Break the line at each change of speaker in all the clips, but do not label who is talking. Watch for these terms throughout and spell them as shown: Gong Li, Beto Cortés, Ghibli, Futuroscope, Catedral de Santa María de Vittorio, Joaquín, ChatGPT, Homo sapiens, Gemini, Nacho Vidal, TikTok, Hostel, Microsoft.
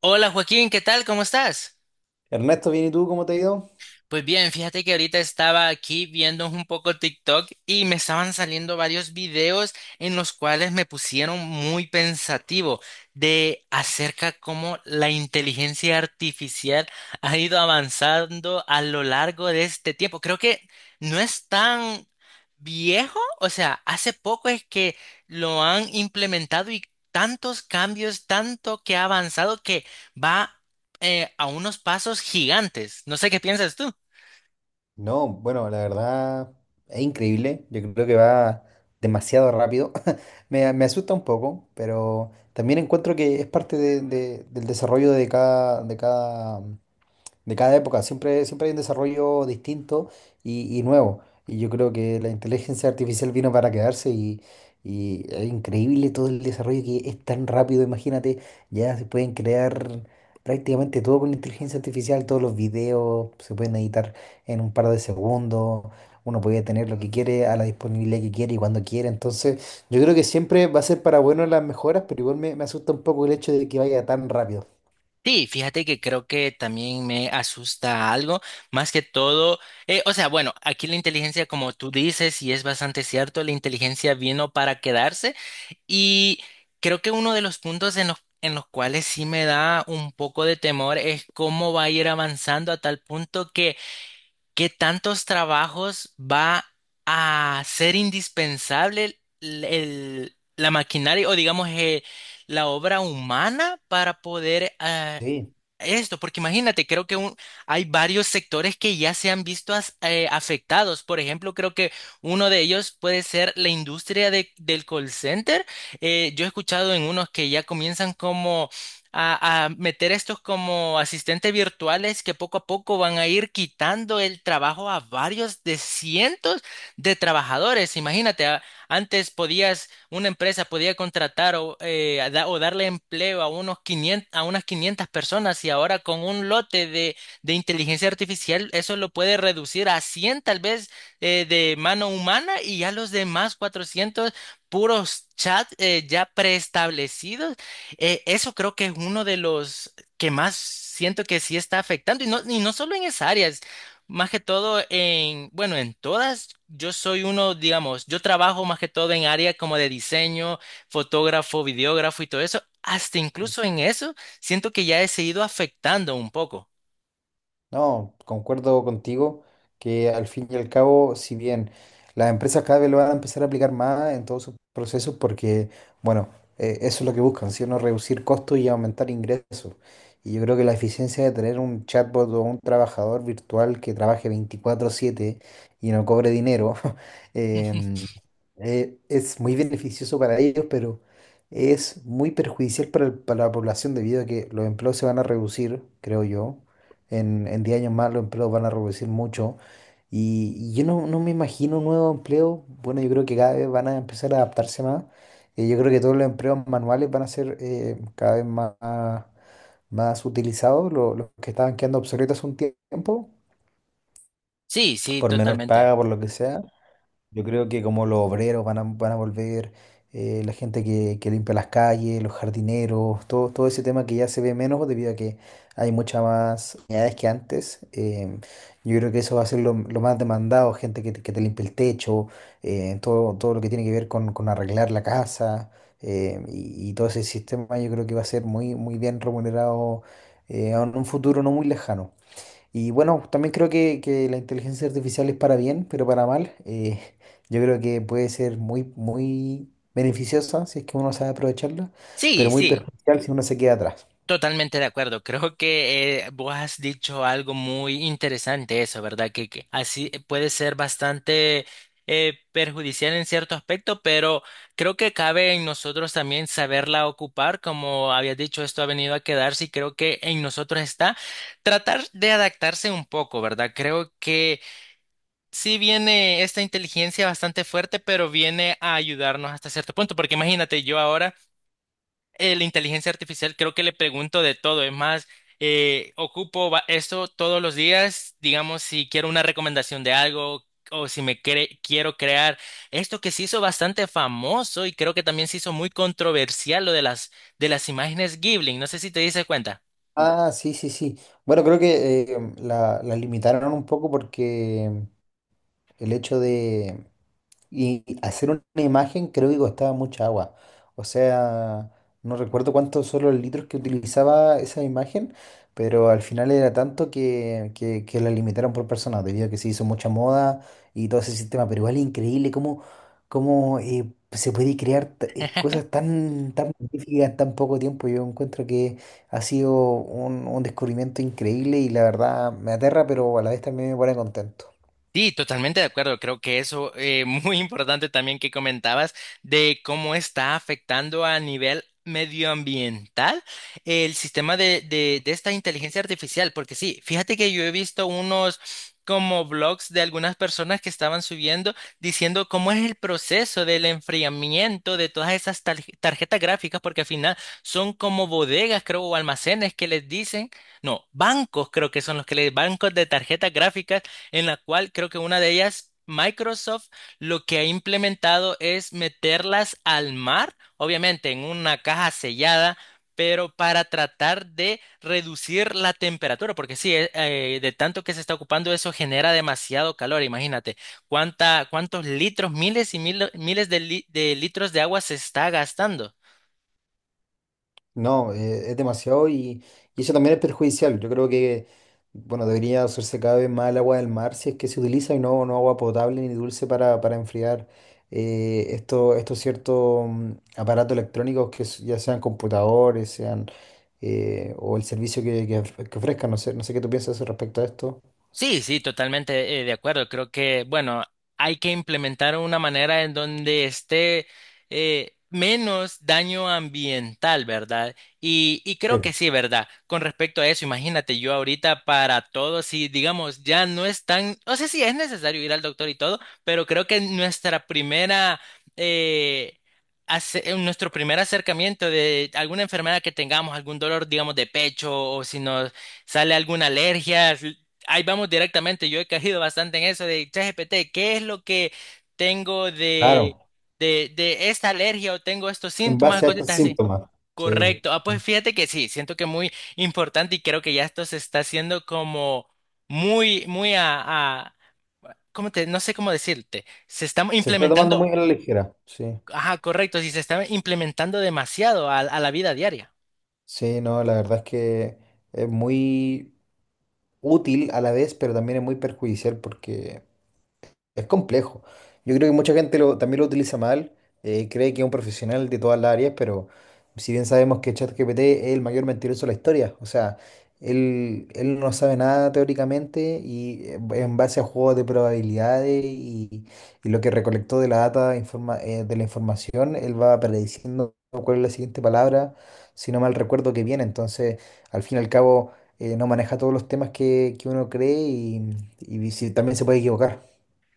Hola Joaquín, ¿qué tal? ¿Cómo estás?
Ernesto, bien, ¿y tú cómo te ha ido?
Pues bien, fíjate que ahorita estaba aquí viendo un poco TikTok y me estaban saliendo varios videos en los cuales me pusieron muy pensativo de acerca cómo la inteligencia artificial ha ido avanzando a lo largo de este tiempo. Creo que no es tan viejo, o sea, hace poco es que lo han implementado y tantos cambios, tanto que ha avanzado que va a unos pasos gigantes. No sé qué piensas tú.
No, bueno, la verdad es increíble. Yo creo que va demasiado rápido. Me asusta un poco, pero también encuentro que es parte del desarrollo de cada época. Siempre hay un desarrollo distinto y nuevo. Y yo creo que la inteligencia artificial vino para quedarse y es increíble todo el desarrollo que es tan rápido. Imagínate, ya se pueden crear prácticamente todo con inteligencia artificial, todos los videos se pueden editar en un par de segundos. Uno puede tener lo que quiere a la disponibilidad que quiere y cuando quiere. Entonces, yo creo que siempre va a ser para bueno las mejoras, pero igual me asusta un poco el hecho de que vaya tan rápido.
Sí, fíjate que creo que también me asusta algo, más que todo, o sea, bueno, aquí la inteligencia, como tú dices, y es bastante cierto, la inteligencia vino para quedarse y creo que uno de los puntos en los cuales sí me da un poco de temor es cómo va a ir avanzando a tal punto que ¿qué tantos trabajos va a ser indispensable la maquinaria o digamos la obra humana para poder
Sí.
esto? Porque imagínate, creo que hay varios sectores que ya se han visto afectados. Por ejemplo, creo que uno de ellos puede ser la industria del call center. Yo he escuchado en unos que ya comienzan como a meter estos como asistentes virtuales que poco a poco van a ir quitando el trabajo a varios de cientos de trabajadores. Imagínate, antes podías, una empresa podía contratar o darle empleo a unos 500 a unas 500 personas y ahora con un lote de inteligencia artificial eso lo puede reducir a 100 tal vez de mano humana y ya los demás 400 puros chats ya preestablecidos, eso creo que es uno de los que más siento que sí está afectando, y no solo en esas áreas, más que todo en, bueno, en todas, yo soy uno, digamos, yo trabajo más que todo en áreas como de diseño, fotógrafo, videógrafo y todo eso, hasta incluso en eso siento que ya he seguido afectando un poco.
No, concuerdo contigo que, al fin y al cabo, si bien las empresas cada vez lo van a empezar a aplicar más en todos sus procesos, porque, bueno, eso es lo que buscan, ¿sí o no? Reducir costos y aumentar ingresos. Y yo creo que la eficiencia de tener un chatbot o un trabajador virtual que trabaje 24/7 y no cobre dinero, em, es muy beneficioso para ellos, pero es muy perjudicial para, para la población debido a que los empleos se van a reducir, creo yo, en 10 años más los empleos van a reducir mucho. Y yo no me imagino un nuevo empleo. Bueno, yo creo que cada vez van a empezar a adaptarse más. Y yo creo que todos los empleos manuales van a ser cada vez más utilizados. Los que estaban quedando obsoletos hace un tiempo,
Sí, sí,
por menor
totalmente.
paga, por lo que sea. Yo creo que, como los obreros van a volver, la gente que limpia las calles, los jardineros, todo ese tema que ya se ve menos debido a que hay muchas más unidades que antes. Yo creo que eso va a ser lo más demandado, gente que te limpie el techo, todo lo que tiene que ver con arreglar la casa, y todo ese sistema yo creo que va a ser muy bien remunerado, en un futuro no muy lejano. Y bueno, también creo que la inteligencia artificial es para bien, pero para mal. Yo creo que puede ser muy beneficiosa si es que uno sabe aprovecharla,
Sí,
pero muy
sí.
perjudicial si uno se queda atrás.
Totalmente de acuerdo. Creo que vos has dicho algo muy interesante eso, ¿verdad? Que así puede ser bastante perjudicial en cierto aspecto, pero creo que cabe en nosotros también saberla ocupar. Como habías dicho, esto ha venido a quedarse y creo que en nosotros está tratar de adaptarse un poco, ¿verdad? Creo que sí viene esta inteligencia bastante fuerte, pero viene a ayudarnos hasta cierto punto, porque imagínate yo ahora la inteligencia artificial creo que le pregunto de todo. Es más, ocupo esto todos los días, digamos, si quiero una recomendación de algo o si me quiero crear esto que se hizo bastante famoso y creo que también se hizo muy controversial lo de las imágenes Ghibli. No sé si te dices cuenta.
Ah, sí, sí, sí. Bueno, creo que la limitaron un poco porque el hecho de, y hacer una imagen creo que costaba mucha agua. O sea, no recuerdo cuántos son los litros que utilizaba esa imagen, pero al final era tanto que la limitaron por persona, debido a que se hizo mucha moda y todo ese sistema. Pero igual es increíble cómo se puede crear cosas tan magníficas en tan poco tiempo. Yo encuentro que ha sido un descubrimiento increíble y la verdad me aterra, pero a la vez también me pone contento.
Sí, totalmente de acuerdo. Creo que eso muy importante también que comentabas de cómo está afectando a nivel medioambiental el sistema de esta inteligencia artificial. Porque sí, fíjate que yo he visto unos como blogs de algunas personas que estaban subiendo diciendo cómo es el proceso del enfriamiento de todas esas tarjetas gráficas, porque al final son como bodegas, creo, o almacenes que les dicen, no, bancos creo que son los que les, bancos de tarjetas gráficas en la cual creo que una de ellas, Microsoft, lo que ha implementado es meterlas al mar, obviamente en una caja sellada. Pero para tratar de reducir la temperatura, porque sí, de tanto que se está ocupando eso genera demasiado calor, imagínate cuánta, cuántos litros, miles y miles de litros de agua se está gastando.
No, es demasiado y eso también es perjudicial. Yo creo que, bueno, debería usarse cada vez más el agua del mar si es que se utiliza y no, no agua potable ni dulce para enfriar estos ciertos aparatos electrónicos que ya sean computadores, sean o el servicio que ofrezcan. No sé, no sé qué tú piensas respecto a esto.
Sí, sí, totalmente de acuerdo. Creo que, bueno, hay que implementar una manera en donde esté menos daño ambiental, ¿verdad? Y
Sí,
creo que sí, ¿verdad? Con respecto a eso, imagínate yo ahorita para todos, si digamos, ya no es tan, o sea, sí es necesario ir al doctor y todo, pero creo que eh, nuestro primer acercamiento de alguna enfermedad que tengamos, algún dolor, digamos, de pecho, o si nos sale alguna alergia, ahí vamos directamente. Yo he caído bastante en eso de ChatGPT. ¿Qué es lo que tengo de,
claro,
de esta alergia o tengo estos
en
síntomas,
base a estos
cositas así?
síntomas. Sí,
Correcto. Ah, pues
sí.
fíjate que sí, siento que muy importante y creo que ya esto se está haciendo como muy, muy a, ¿cómo te, no sé cómo decirte? Se está
Se está tomando muy
implementando,
a la ligera. Sí.
ajá, correcto, sí, se está implementando demasiado a la vida diaria.
Sí, no, la verdad es que es muy útil a la vez, pero también es muy perjudicial porque... es complejo. Yo creo que mucha gente también lo utiliza mal, cree que es un profesional de todas las áreas, pero si bien sabemos que ChatGPT es el mayor mentiroso de la historia, o sea, él no sabe nada teóricamente y, en base a juegos de probabilidades y lo que recolectó de la data, de la información, él va prediciendo cuál es la siguiente palabra, si no mal recuerdo que viene. Entonces, al fin y al cabo, no maneja todos los temas que uno cree y también se puede equivocar.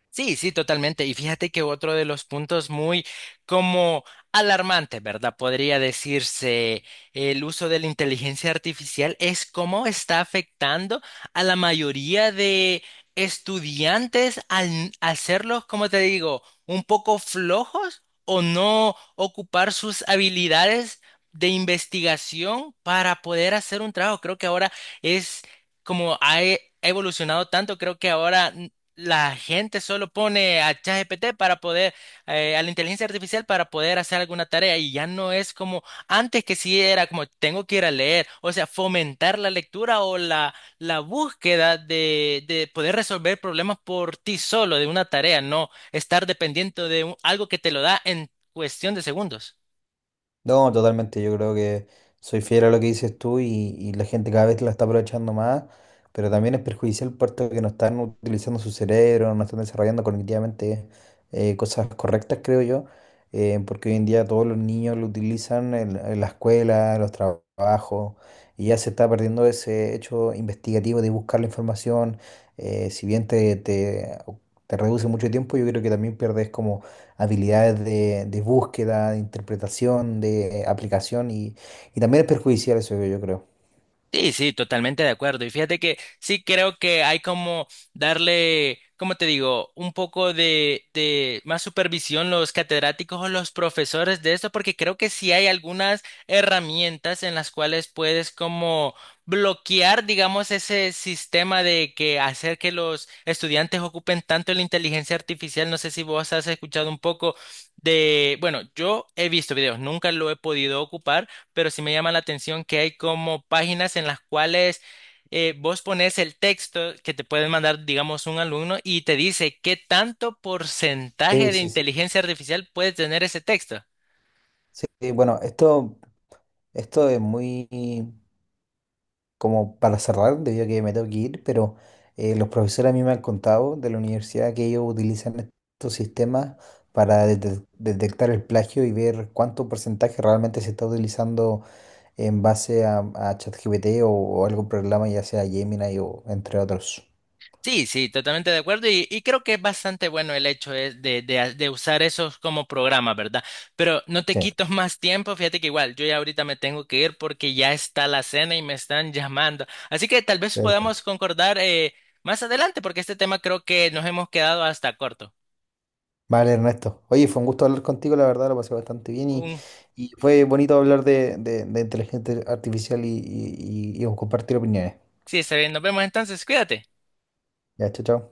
Sí, sí, totalmente. Y fíjate que otro de los puntos muy como alarmantes, ¿verdad? Podría decirse el uso de la inteligencia artificial es cómo está afectando a la mayoría de estudiantes al hacerlos, como te digo, un poco flojos o no ocupar sus habilidades de investigación para poder hacer un trabajo. Creo que ahora es como ha ha evolucionado tanto, creo que ahora la gente solo pone a ChatGPT para poder, a la inteligencia artificial para poder hacer alguna tarea y ya no es como antes que sí era como tengo que ir a leer, o sea, fomentar la lectura o la búsqueda de poder resolver problemas por ti solo, de una tarea, no estar dependiente de algo que te lo da en cuestión de segundos.
No, totalmente. Yo creo que soy fiel a lo que dices tú y la gente cada vez la está aprovechando más, pero también es perjudicial puesto que no están utilizando su cerebro, no están desarrollando cognitivamente cosas correctas, creo yo, porque hoy en día todos los niños lo utilizan en la escuela, en los trabajos, y ya se está perdiendo ese hecho investigativo de buscar la información. Si bien te reduce mucho tiempo, yo creo que también pierdes como habilidades de búsqueda, de interpretación, de aplicación y también es perjudicial eso, yo creo.
Sí, sí, totalmente de acuerdo. Y fíjate que sí creo que hay como darle, como te digo, un poco de más supervisión los catedráticos o los profesores de esto, porque creo que sí hay algunas herramientas en las cuales puedes como bloquear, digamos, ese sistema de que hacer que los estudiantes ocupen tanto la inteligencia artificial. No sé si vos has escuchado un poco de, bueno, yo he visto videos, nunca lo he podido ocupar pero sí me llama la atención que hay como páginas en las cuales vos pones el texto que te pueden mandar, digamos, un alumno y te dice qué tanto porcentaje
Sí,
de
sí, sí.
inteligencia artificial puede tener ese texto.
Sí, bueno, esto es muy como para cerrar, debido a que me tengo que ir, pero los profesores a mí me han contado de la universidad que ellos utilizan estos sistemas para detectar el plagio y ver cuánto porcentaje realmente se está utilizando en base a ChatGPT o algún programa, ya sea Gemini o entre otros.
Sí, sí, totalmente de acuerdo y creo que es bastante bueno el hecho es de usar esos como programas, ¿verdad? Pero no te
Sí,
quito más tiempo, fíjate que igual yo ya ahorita me tengo que ir porque ya está la cena y me están llamando. Así que tal vez
perfecto.
podamos concordar más adelante porque este tema creo que nos hemos quedado hasta corto.
Vale, Ernesto. Oye, fue un gusto hablar contigo, la verdad, lo pasé bastante bien
Un-
y fue bonito hablar de inteligencia artificial y compartir opiniones.
sí, está bien, nos vemos entonces, cuídate.
Ya, chao, chao.